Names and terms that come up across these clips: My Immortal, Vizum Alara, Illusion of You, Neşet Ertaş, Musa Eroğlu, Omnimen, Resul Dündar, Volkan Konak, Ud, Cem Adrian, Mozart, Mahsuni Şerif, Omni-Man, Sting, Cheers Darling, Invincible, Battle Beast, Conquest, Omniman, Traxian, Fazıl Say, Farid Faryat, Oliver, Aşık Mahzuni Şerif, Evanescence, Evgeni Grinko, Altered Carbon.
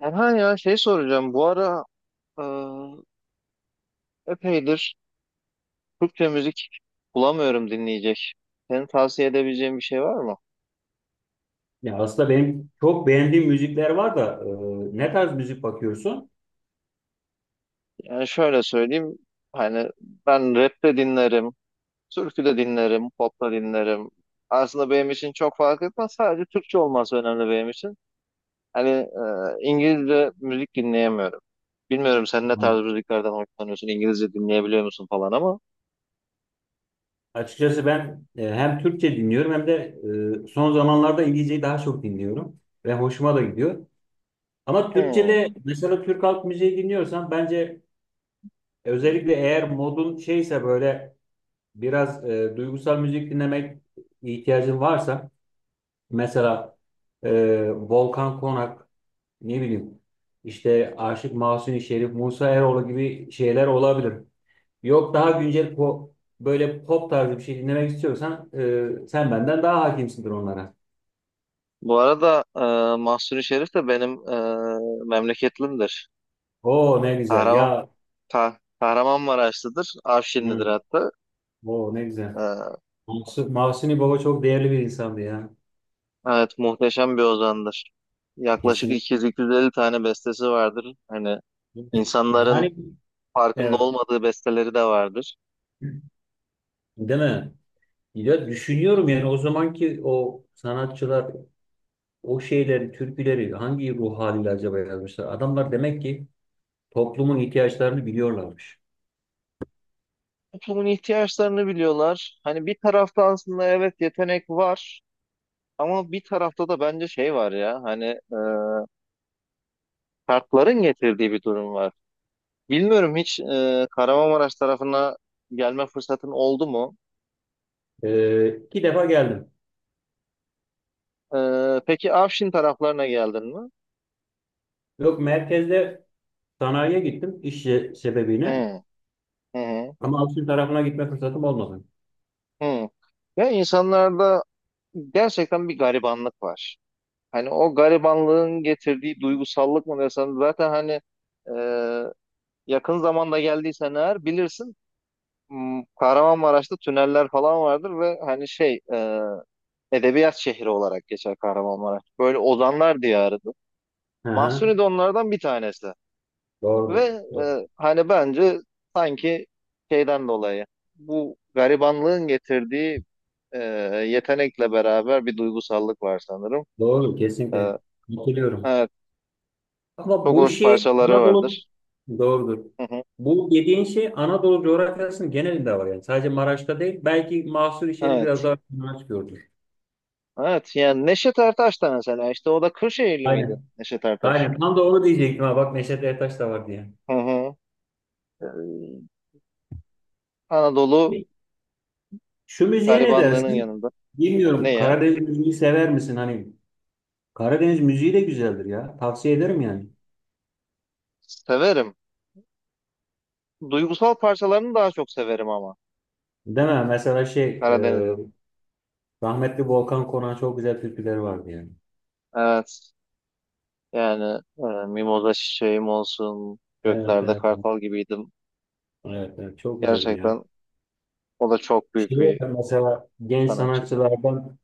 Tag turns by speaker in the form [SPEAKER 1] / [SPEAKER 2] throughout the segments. [SPEAKER 1] Erhan, ya şey soracağım. Bu ara e, epeydir Türkçe müzik bulamıyorum dinleyecek. Senin tavsiye edebileceğin bir şey var mı?
[SPEAKER 2] Ya aslında benim çok beğendiğim müzikler var da ne tarz müzik bakıyorsun?
[SPEAKER 1] Yani şöyle söyleyeyim. Hani ben rap de dinlerim, türkü de dinlerim, pop da dinlerim. Aslında benim için çok fark etmez. Sadece Türkçe olması önemli benim için. Hani İngilizce müzik dinleyemiyorum. Bilmiyorum sen ne tarz müziklerden hoşlanıyorsun, İngilizce dinleyebiliyor musun falan ama.
[SPEAKER 2] Açıkçası ben hem Türkçe dinliyorum hem de son zamanlarda İngilizceyi daha çok dinliyorum ve hoşuma da gidiyor. Ama
[SPEAKER 1] Hmm.
[SPEAKER 2] Türkçe'de mesela Türk halk müziği dinliyorsan bence özellikle eğer modun şeyse böyle biraz duygusal müzik dinlemek ihtiyacın varsa mesela Volkan Konak, ne bileyim, işte Aşık Mahzuni Şerif, Musa Eroğlu gibi şeyler olabilir. Yok, daha güncel böyle pop tarzı bir şey dinlemek istiyorsan sen benden daha hakimsindir onlara.
[SPEAKER 1] Bu arada Mahsuni Şerif de benim memleketlimdir.
[SPEAKER 2] Oo, ne güzel
[SPEAKER 1] Kahraman,
[SPEAKER 2] ya.
[SPEAKER 1] Kahramanmaraşlıdır. Afşinlidir
[SPEAKER 2] Hı.
[SPEAKER 1] hatta.
[SPEAKER 2] Oo, ne güzel.
[SPEAKER 1] E,
[SPEAKER 2] Mahsuni Baba çok değerli bir insandı ya.
[SPEAKER 1] evet, muhteşem bir ozandır. Yaklaşık
[SPEAKER 2] Kesin.
[SPEAKER 1] 200-250 tane bestesi vardır. Hani insanların
[SPEAKER 2] Yani
[SPEAKER 1] farkında
[SPEAKER 2] evet.
[SPEAKER 1] olmadığı besteleri de vardır.
[SPEAKER 2] Değil mi? Ya düşünüyorum yani, o zamanki o sanatçılar o şeyleri, türküleri hangi ruh haliyle acaba yazmışlar? Adamlar demek ki toplumun ihtiyaçlarını biliyorlarmış.
[SPEAKER 1] Toplumun ihtiyaçlarını biliyorlar. Hani bir tarafta aslında evet yetenek var. Ama bir tarafta da bence şey var ya hani e, şartların getirdiği bir durum var. Bilmiyorum hiç Kahramanmaraş tarafına gelme fırsatın oldu mu?
[SPEAKER 2] İki defa geldim.
[SPEAKER 1] Peki Afşin taraflarına geldin mi?
[SPEAKER 2] Yok, merkezde. Sanayiye gittim iş sebebiyle,
[SPEAKER 1] Hı, hı, hı,
[SPEAKER 2] ama altın tarafına gitme fırsatım olmadı.
[SPEAKER 1] hı. Ya insanlarda gerçekten bir garibanlık var. Hani o garibanlığın getirdiği duygusallık mı desem zaten hani e, yakın zamanda geldiysen eğer bilirsin, Kahramanmaraş'ta tüneller falan vardır ve hani şey, edebiyat şehri olarak geçer Kahramanmaraş. Böyle ozanlar diyarıdır.
[SPEAKER 2] Hı hı.
[SPEAKER 1] Mahsuni de onlardan bir tanesi. Ve
[SPEAKER 2] Doğrudur.
[SPEAKER 1] hani bence sanki şeyden dolayı bu garibanlığın getirdiği e, yetenekle beraber bir duygusallık var sanırım.
[SPEAKER 2] Doğru,
[SPEAKER 1] E,
[SPEAKER 2] kesinlikle. Katılıyorum.
[SPEAKER 1] evet,
[SPEAKER 2] Ama
[SPEAKER 1] çok
[SPEAKER 2] bu
[SPEAKER 1] hoş
[SPEAKER 2] şey
[SPEAKER 1] parçaları
[SPEAKER 2] Anadolu
[SPEAKER 1] vardır.
[SPEAKER 2] doğrudur.
[SPEAKER 1] Hı hı.
[SPEAKER 2] Bu dediğin şey Anadolu coğrafyasının genelinde var yani. Sadece Maraş'ta değil. Belki mahsur şerif biraz
[SPEAKER 1] Evet,
[SPEAKER 2] daha Maraş gördür.
[SPEAKER 1] evet. Yani Neşet Ertaş da mesela işte o da Kırşehirli miydi
[SPEAKER 2] Aynen.
[SPEAKER 1] Neşet Ertaş?
[SPEAKER 2] Aynen. Tam da onu diyecektim ha. Bak, Neşet Ertaş da var diye.
[SPEAKER 1] Hı hı. E, Anadolu
[SPEAKER 2] Şu müziğe ne
[SPEAKER 1] garibanlığının
[SPEAKER 2] dersin?
[SPEAKER 1] yanında.
[SPEAKER 2] Bilmiyorum.
[SPEAKER 1] Neye?
[SPEAKER 2] Karadeniz müziği sever misin? Hani Karadeniz müziği de güzeldir ya. Tavsiye ederim yani.
[SPEAKER 1] Severim. Duygusal parçalarını daha çok severim ama
[SPEAKER 2] Değil mi? Mesela şey,
[SPEAKER 1] Karadeniz'in.
[SPEAKER 2] rahmetli Volkan Konak'ın çok güzel türküleri vardı yani.
[SPEAKER 1] Evet. Yani mimoza çiçeğim olsun,
[SPEAKER 2] Evet, evet,
[SPEAKER 1] göklerde
[SPEAKER 2] evet,
[SPEAKER 1] kartal gibiydim.
[SPEAKER 2] evet, evet. Çok güzeldi ya.
[SPEAKER 1] Gerçekten o da çok
[SPEAKER 2] Şey
[SPEAKER 1] büyük bir
[SPEAKER 2] var mesela, genç
[SPEAKER 1] sanatçıydı.
[SPEAKER 2] sanatçılardan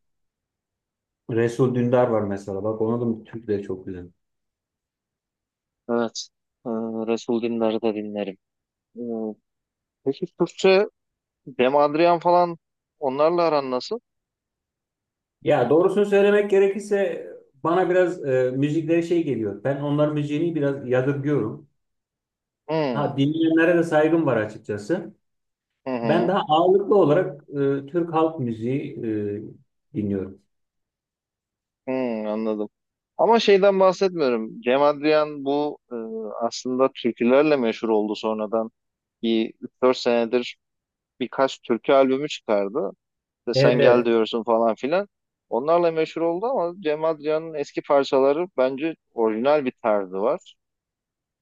[SPEAKER 2] Resul Dündar var mesela. Bak, onun da türküleri çok güzel.
[SPEAKER 1] Evet, e, Resul Dündar'ı da dinlerim. E, peki Türkçe Cem Adrian falan onlarla aran nasıl?
[SPEAKER 2] Ya doğrusunu söylemek gerekirse bana biraz müzikleri şey geliyor. Ben onların müziğini biraz yadırgıyorum.
[SPEAKER 1] Hmm,
[SPEAKER 2] Ha, dinleyenlere de saygım var açıkçası.
[SPEAKER 1] hı
[SPEAKER 2] Ben
[SPEAKER 1] hı,
[SPEAKER 2] daha ağırlıklı olarak Türk halk müziği dinliyorum.
[SPEAKER 1] hmm, anladım. Ama şeyden bahsetmiyorum. Cem Adrian bu aslında türkülerle meşhur oldu sonradan. Bir 3-4 senedir birkaç türkü albümü çıkardı. De sen
[SPEAKER 2] Evet,
[SPEAKER 1] gel
[SPEAKER 2] evet.
[SPEAKER 1] diyorsun falan filan. Onlarla meşhur oldu ama Cem Adrian'ın eski parçaları bence orijinal bir tarzı var.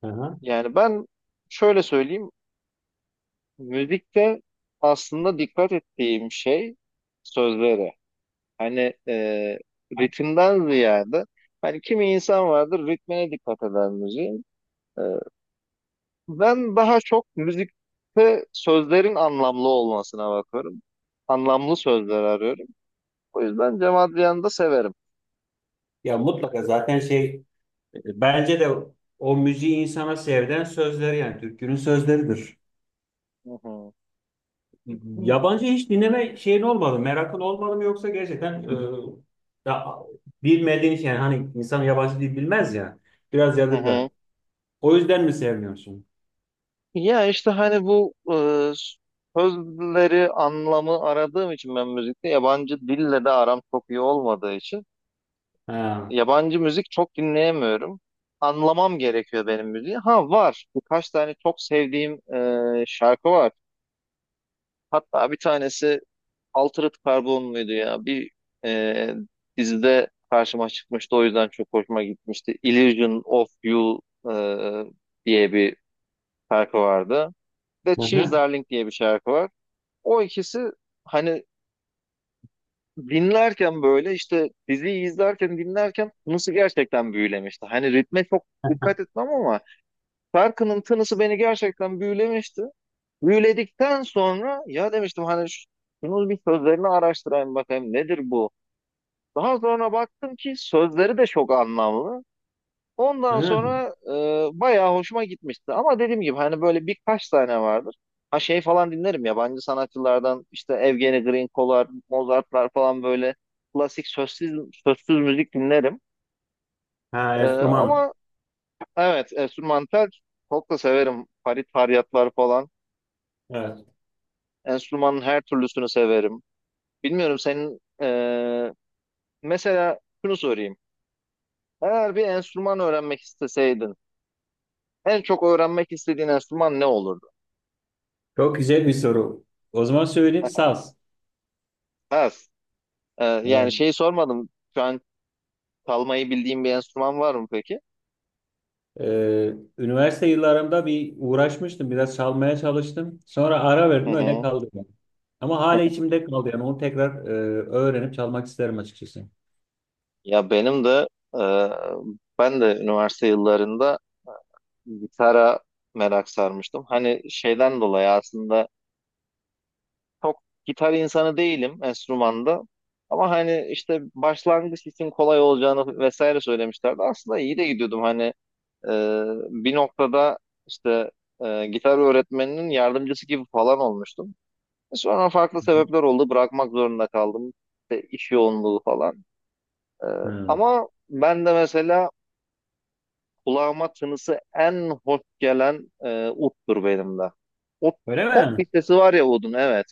[SPEAKER 2] Aha.
[SPEAKER 1] Yani ben şöyle söyleyeyim, müzikte aslında dikkat ettiğim şey sözlere. Hani ritimden ziyade hani kimi insan vardır ritmine dikkat eder müziğin. E, Ben daha çok müzikte sözlerin anlamlı olmasına bakıyorum. Anlamlı sözler arıyorum. O yüzden Cem Adrian'ı da severim.
[SPEAKER 2] Ya mutlaka zaten şey. Bence de o müziği insana sevdiren sözleri, yani türkünün sözleridir.
[SPEAKER 1] Hı hı. Hı
[SPEAKER 2] Yabancı hiç dinleme şeyin olmadı, merakın olmadı mı, yoksa gerçekten ya, bilmediğin için, yani hani insan yabancı dil bilmez ya, biraz yadırgar.
[SPEAKER 1] hı.
[SPEAKER 2] O yüzden mi sevmiyorsun?
[SPEAKER 1] Ya işte hani bu sözleri anlamı aradığım için ben müzikte yabancı dille de aram çok iyi olmadığı için
[SPEAKER 2] Ha.
[SPEAKER 1] yabancı müzik çok dinleyemiyorum. Anlamam gerekiyor benim müziği. Ha var birkaç tane çok sevdiğim şarkı var. Hatta bir tanesi Altered Carbon muydu ya? Bir e, dizide karşıma çıkmıştı, o yüzden çok hoşuma gitmişti. Illusion of You e, diye bir şarkı vardı. Ve
[SPEAKER 2] Hı
[SPEAKER 1] Cheers
[SPEAKER 2] hı.
[SPEAKER 1] Darling diye bir şarkı var. O ikisi hani dinlerken, böyle işte diziyi izlerken dinlerken, tınısı gerçekten büyülemişti. Hani ritme çok dikkat etmem ama şarkının tınısı beni gerçekten büyülemişti. Büyüledikten sonra ya demiştim hani şunu bir sözlerini araştırayım, bakayım nedir bu? Daha sonra baktım ki sözleri de çok anlamlı. Ondan
[SPEAKER 2] Hı.
[SPEAKER 1] sonra bayağı hoşuma gitmişti. Ama dediğim gibi hani böyle birkaç tane vardır. Ha şey falan dinlerim yabancı sanatçılardan, işte Evgeni Grinko'lar, Mozart'lar falan, böyle klasik sözsüz müzik dinlerim.
[SPEAKER 2] Ha, enstrüman.
[SPEAKER 1] Ama evet, enstrümantal çok da severim. Farid Faryatlar falan.
[SPEAKER 2] Evet.
[SPEAKER 1] Enstrümanın her türlüsünü severim. Bilmiyorum senin mesela şunu sorayım. Eğer bir enstrüman öğrenmek isteseydin, en çok öğrenmek istediğin enstrüman ne olurdu?
[SPEAKER 2] Çok güzel bir soru. O zaman söyleyeyim, saz.
[SPEAKER 1] Ha, yani
[SPEAKER 2] Evet.
[SPEAKER 1] şeyi sormadım. Şu an çalmayı bildiğim bir enstrüman var mı peki?
[SPEAKER 2] Üniversite yıllarımda bir uğraşmıştım, biraz çalmaya çalıştım. Sonra ara
[SPEAKER 1] Hı
[SPEAKER 2] verdim, öyle
[SPEAKER 1] hı.
[SPEAKER 2] kaldı yani. Ama hala içimde kaldı yani, onu tekrar öğrenip çalmak isterim açıkçası.
[SPEAKER 1] Ya benim de e, ben de üniversite yıllarında gitara merak sarmıştım. Hani şeyden dolayı aslında çok gitar insanı değilim enstrümanda. Ama hani işte başlangıç için kolay olacağını vesaire söylemişlerdi. Aslında iyi de gidiyordum. Hani e, bir noktada işte gitar öğretmeninin yardımcısı gibi falan olmuştum. Sonra farklı sebepler oldu. Bırakmak zorunda kaldım. İşte iş yoğunluğu falan. Ee,
[SPEAKER 2] Hı.
[SPEAKER 1] Ama ben de mesela kulağıma tınısı en hoş gelen, uttur benim de. O
[SPEAKER 2] Öyle
[SPEAKER 1] tok
[SPEAKER 2] mi?
[SPEAKER 1] bir sesi var ya, Ud'un, evet.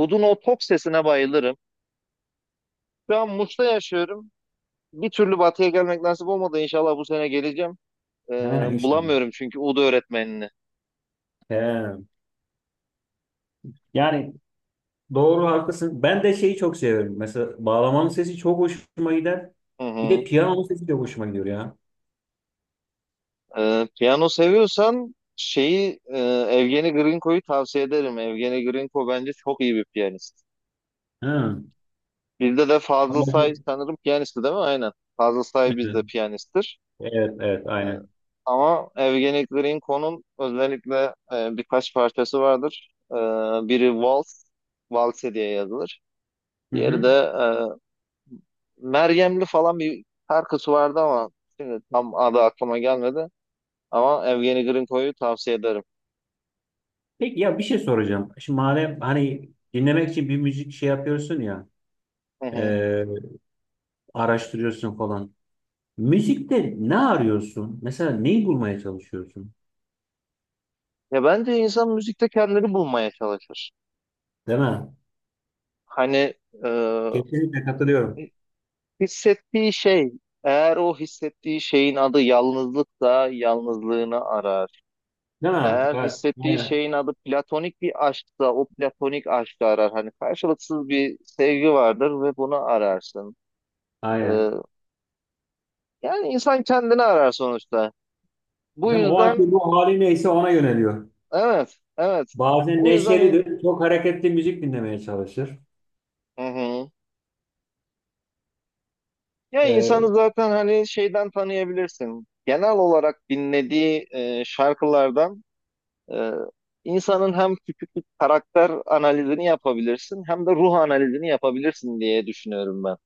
[SPEAKER 1] Ud'un o tok sesine bayılırım. Şu an Muş'ta yaşıyorum. Bir türlü batıya gelmek nasip olmadı. İnşallah bu sene geleceğim.
[SPEAKER 2] Ha, işte.
[SPEAKER 1] Bulamıyorum çünkü Ud öğretmenini.
[SPEAKER 2] He. Yani doğru, haklısın. Ben de şeyi çok seviyorum. Mesela bağlamanın sesi çok hoşuma gider.
[SPEAKER 1] Hı
[SPEAKER 2] Bir
[SPEAKER 1] hı.
[SPEAKER 2] de piyanonun sesi de hoşuma gidiyor ya.
[SPEAKER 1] Piyano seviyorsan şeyi, Evgeni Grinko'yu tavsiye ederim. Evgeni Grinko bence çok iyi bir piyanist.
[SPEAKER 2] Hı.
[SPEAKER 1] Bizde de Fazıl Say
[SPEAKER 2] Onları-
[SPEAKER 1] sanırım piyanisti değil mi? Aynen. Fazıl Say bizde
[SPEAKER 2] Evet,
[SPEAKER 1] piyanisttir.
[SPEAKER 2] evet, evet,
[SPEAKER 1] Ee,
[SPEAKER 2] aynen.
[SPEAKER 1] Ama Evgeni Grinko'nun özellikle birkaç parçası vardır. Biri Vals, Valse diye yazılır.
[SPEAKER 2] Hı
[SPEAKER 1] Diğeri
[SPEAKER 2] hı.
[SPEAKER 1] de Meryemli falan bir şarkısı vardı ama şimdi tam adı aklıma gelmedi. Ama Evgeni Grinko'yu tavsiye ederim.
[SPEAKER 2] Peki, ya bir şey soracağım. Şimdi madem hani dinlemek için bir müzik şey yapıyorsun ya,
[SPEAKER 1] Hı hı.
[SPEAKER 2] e, araştırıyorsun falan. Müzikte ne arıyorsun? Mesela neyi bulmaya çalışıyorsun?
[SPEAKER 1] Ya bence insan müzikte kendini bulmaya çalışır.
[SPEAKER 2] Değil mi?
[SPEAKER 1] Hani e,
[SPEAKER 2] Kesinlikle katılıyorum.
[SPEAKER 1] hissettiği şey, eğer o hissettiği şeyin adı yalnızlıksa yalnızlığını arar.
[SPEAKER 2] Değil mi?
[SPEAKER 1] Eğer
[SPEAKER 2] Evet.
[SPEAKER 1] hissettiği
[SPEAKER 2] Aynen.
[SPEAKER 1] şeyin adı platonik bir aşksa o platonik aşkı arar. Hani karşılıksız bir sevgi vardır ve bunu ararsın. E,
[SPEAKER 2] Aynen.
[SPEAKER 1] Yani insan kendini arar sonuçta. Bu
[SPEAKER 2] Değil mi? O anki
[SPEAKER 1] yüzden
[SPEAKER 2] ruh hali neyse ona yöneliyor.
[SPEAKER 1] evet, evet.
[SPEAKER 2] Bazen
[SPEAKER 1] Bu yüzden in-
[SPEAKER 2] neşelidir. Çok hareketli müzik dinlemeye çalışır.
[SPEAKER 1] Hı hı. Ya insanı
[SPEAKER 2] E,
[SPEAKER 1] zaten hani şeyden tanıyabilirsin. Genel olarak dinlediği şarkılardan e, insanın hem küçük bir karakter analizini yapabilirsin hem de ruh analizini yapabilirsin diye düşünüyorum ben.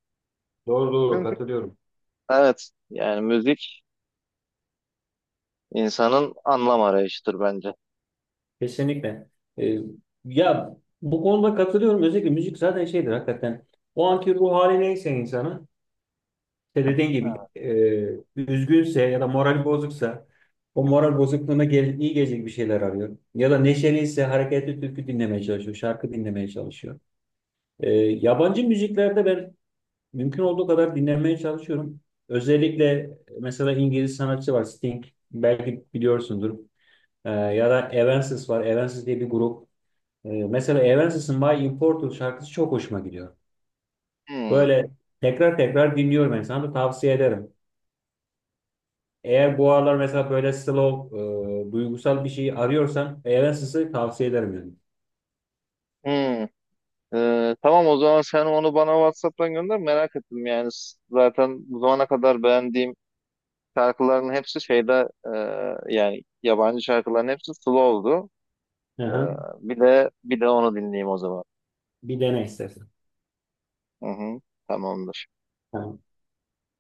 [SPEAKER 2] doğru doğru,
[SPEAKER 1] Çünkü
[SPEAKER 2] katılıyorum.
[SPEAKER 1] evet, yani müzik insanın anlam arayışıdır bence.
[SPEAKER 2] Kesinlikle. Ee, ya bu konuda katılıyorum. Özellikle müzik zaten şeydir hakikaten. O anki ruh hali neyse insanın, işte dediğin gibi üzgünse ya da moral bozuksa o moral bozukluğuna gel, iyi gelecek bir şeyler arıyor. Ya da neşeliyse hareketli türkü dinlemeye çalışıyor, şarkı dinlemeye çalışıyor. Yabancı müziklerde ben mümkün olduğu kadar dinlemeye çalışıyorum. Özellikle mesela İngiliz sanatçı var, Sting. Belki biliyorsundur. Ya da Evanescence var. Evanescence diye bir grup. Mesela Evanescence My Immortal şarkısı çok hoşuma gidiyor.
[SPEAKER 1] Hmm,
[SPEAKER 2] Böyle tekrar tekrar dinliyorum yani, sana da tavsiye ederim. Eğer bu aralar mesela böyle slow, duygusal bir şey arıyorsan Evanescence'ı tavsiye ederim yani.
[SPEAKER 1] hmm. Tamam, o zaman sen onu bana WhatsApp'tan gönder, merak ettim yani. Zaten bu zamana kadar beğendiğim şarkıların hepsi şeyde, yani yabancı şarkıların hepsi slow'du.
[SPEAKER 2] Hı
[SPEAKER 1] Ee,
[SPEAKER 2] hı.
[SPEAKER 1] bir de onu dinleyeyim o zaman.
[SPEAKER 2] Bir dene istersen.
[SPEAKER 1] Hı hı, tamamdır.
[SPEAKER 2] Ha.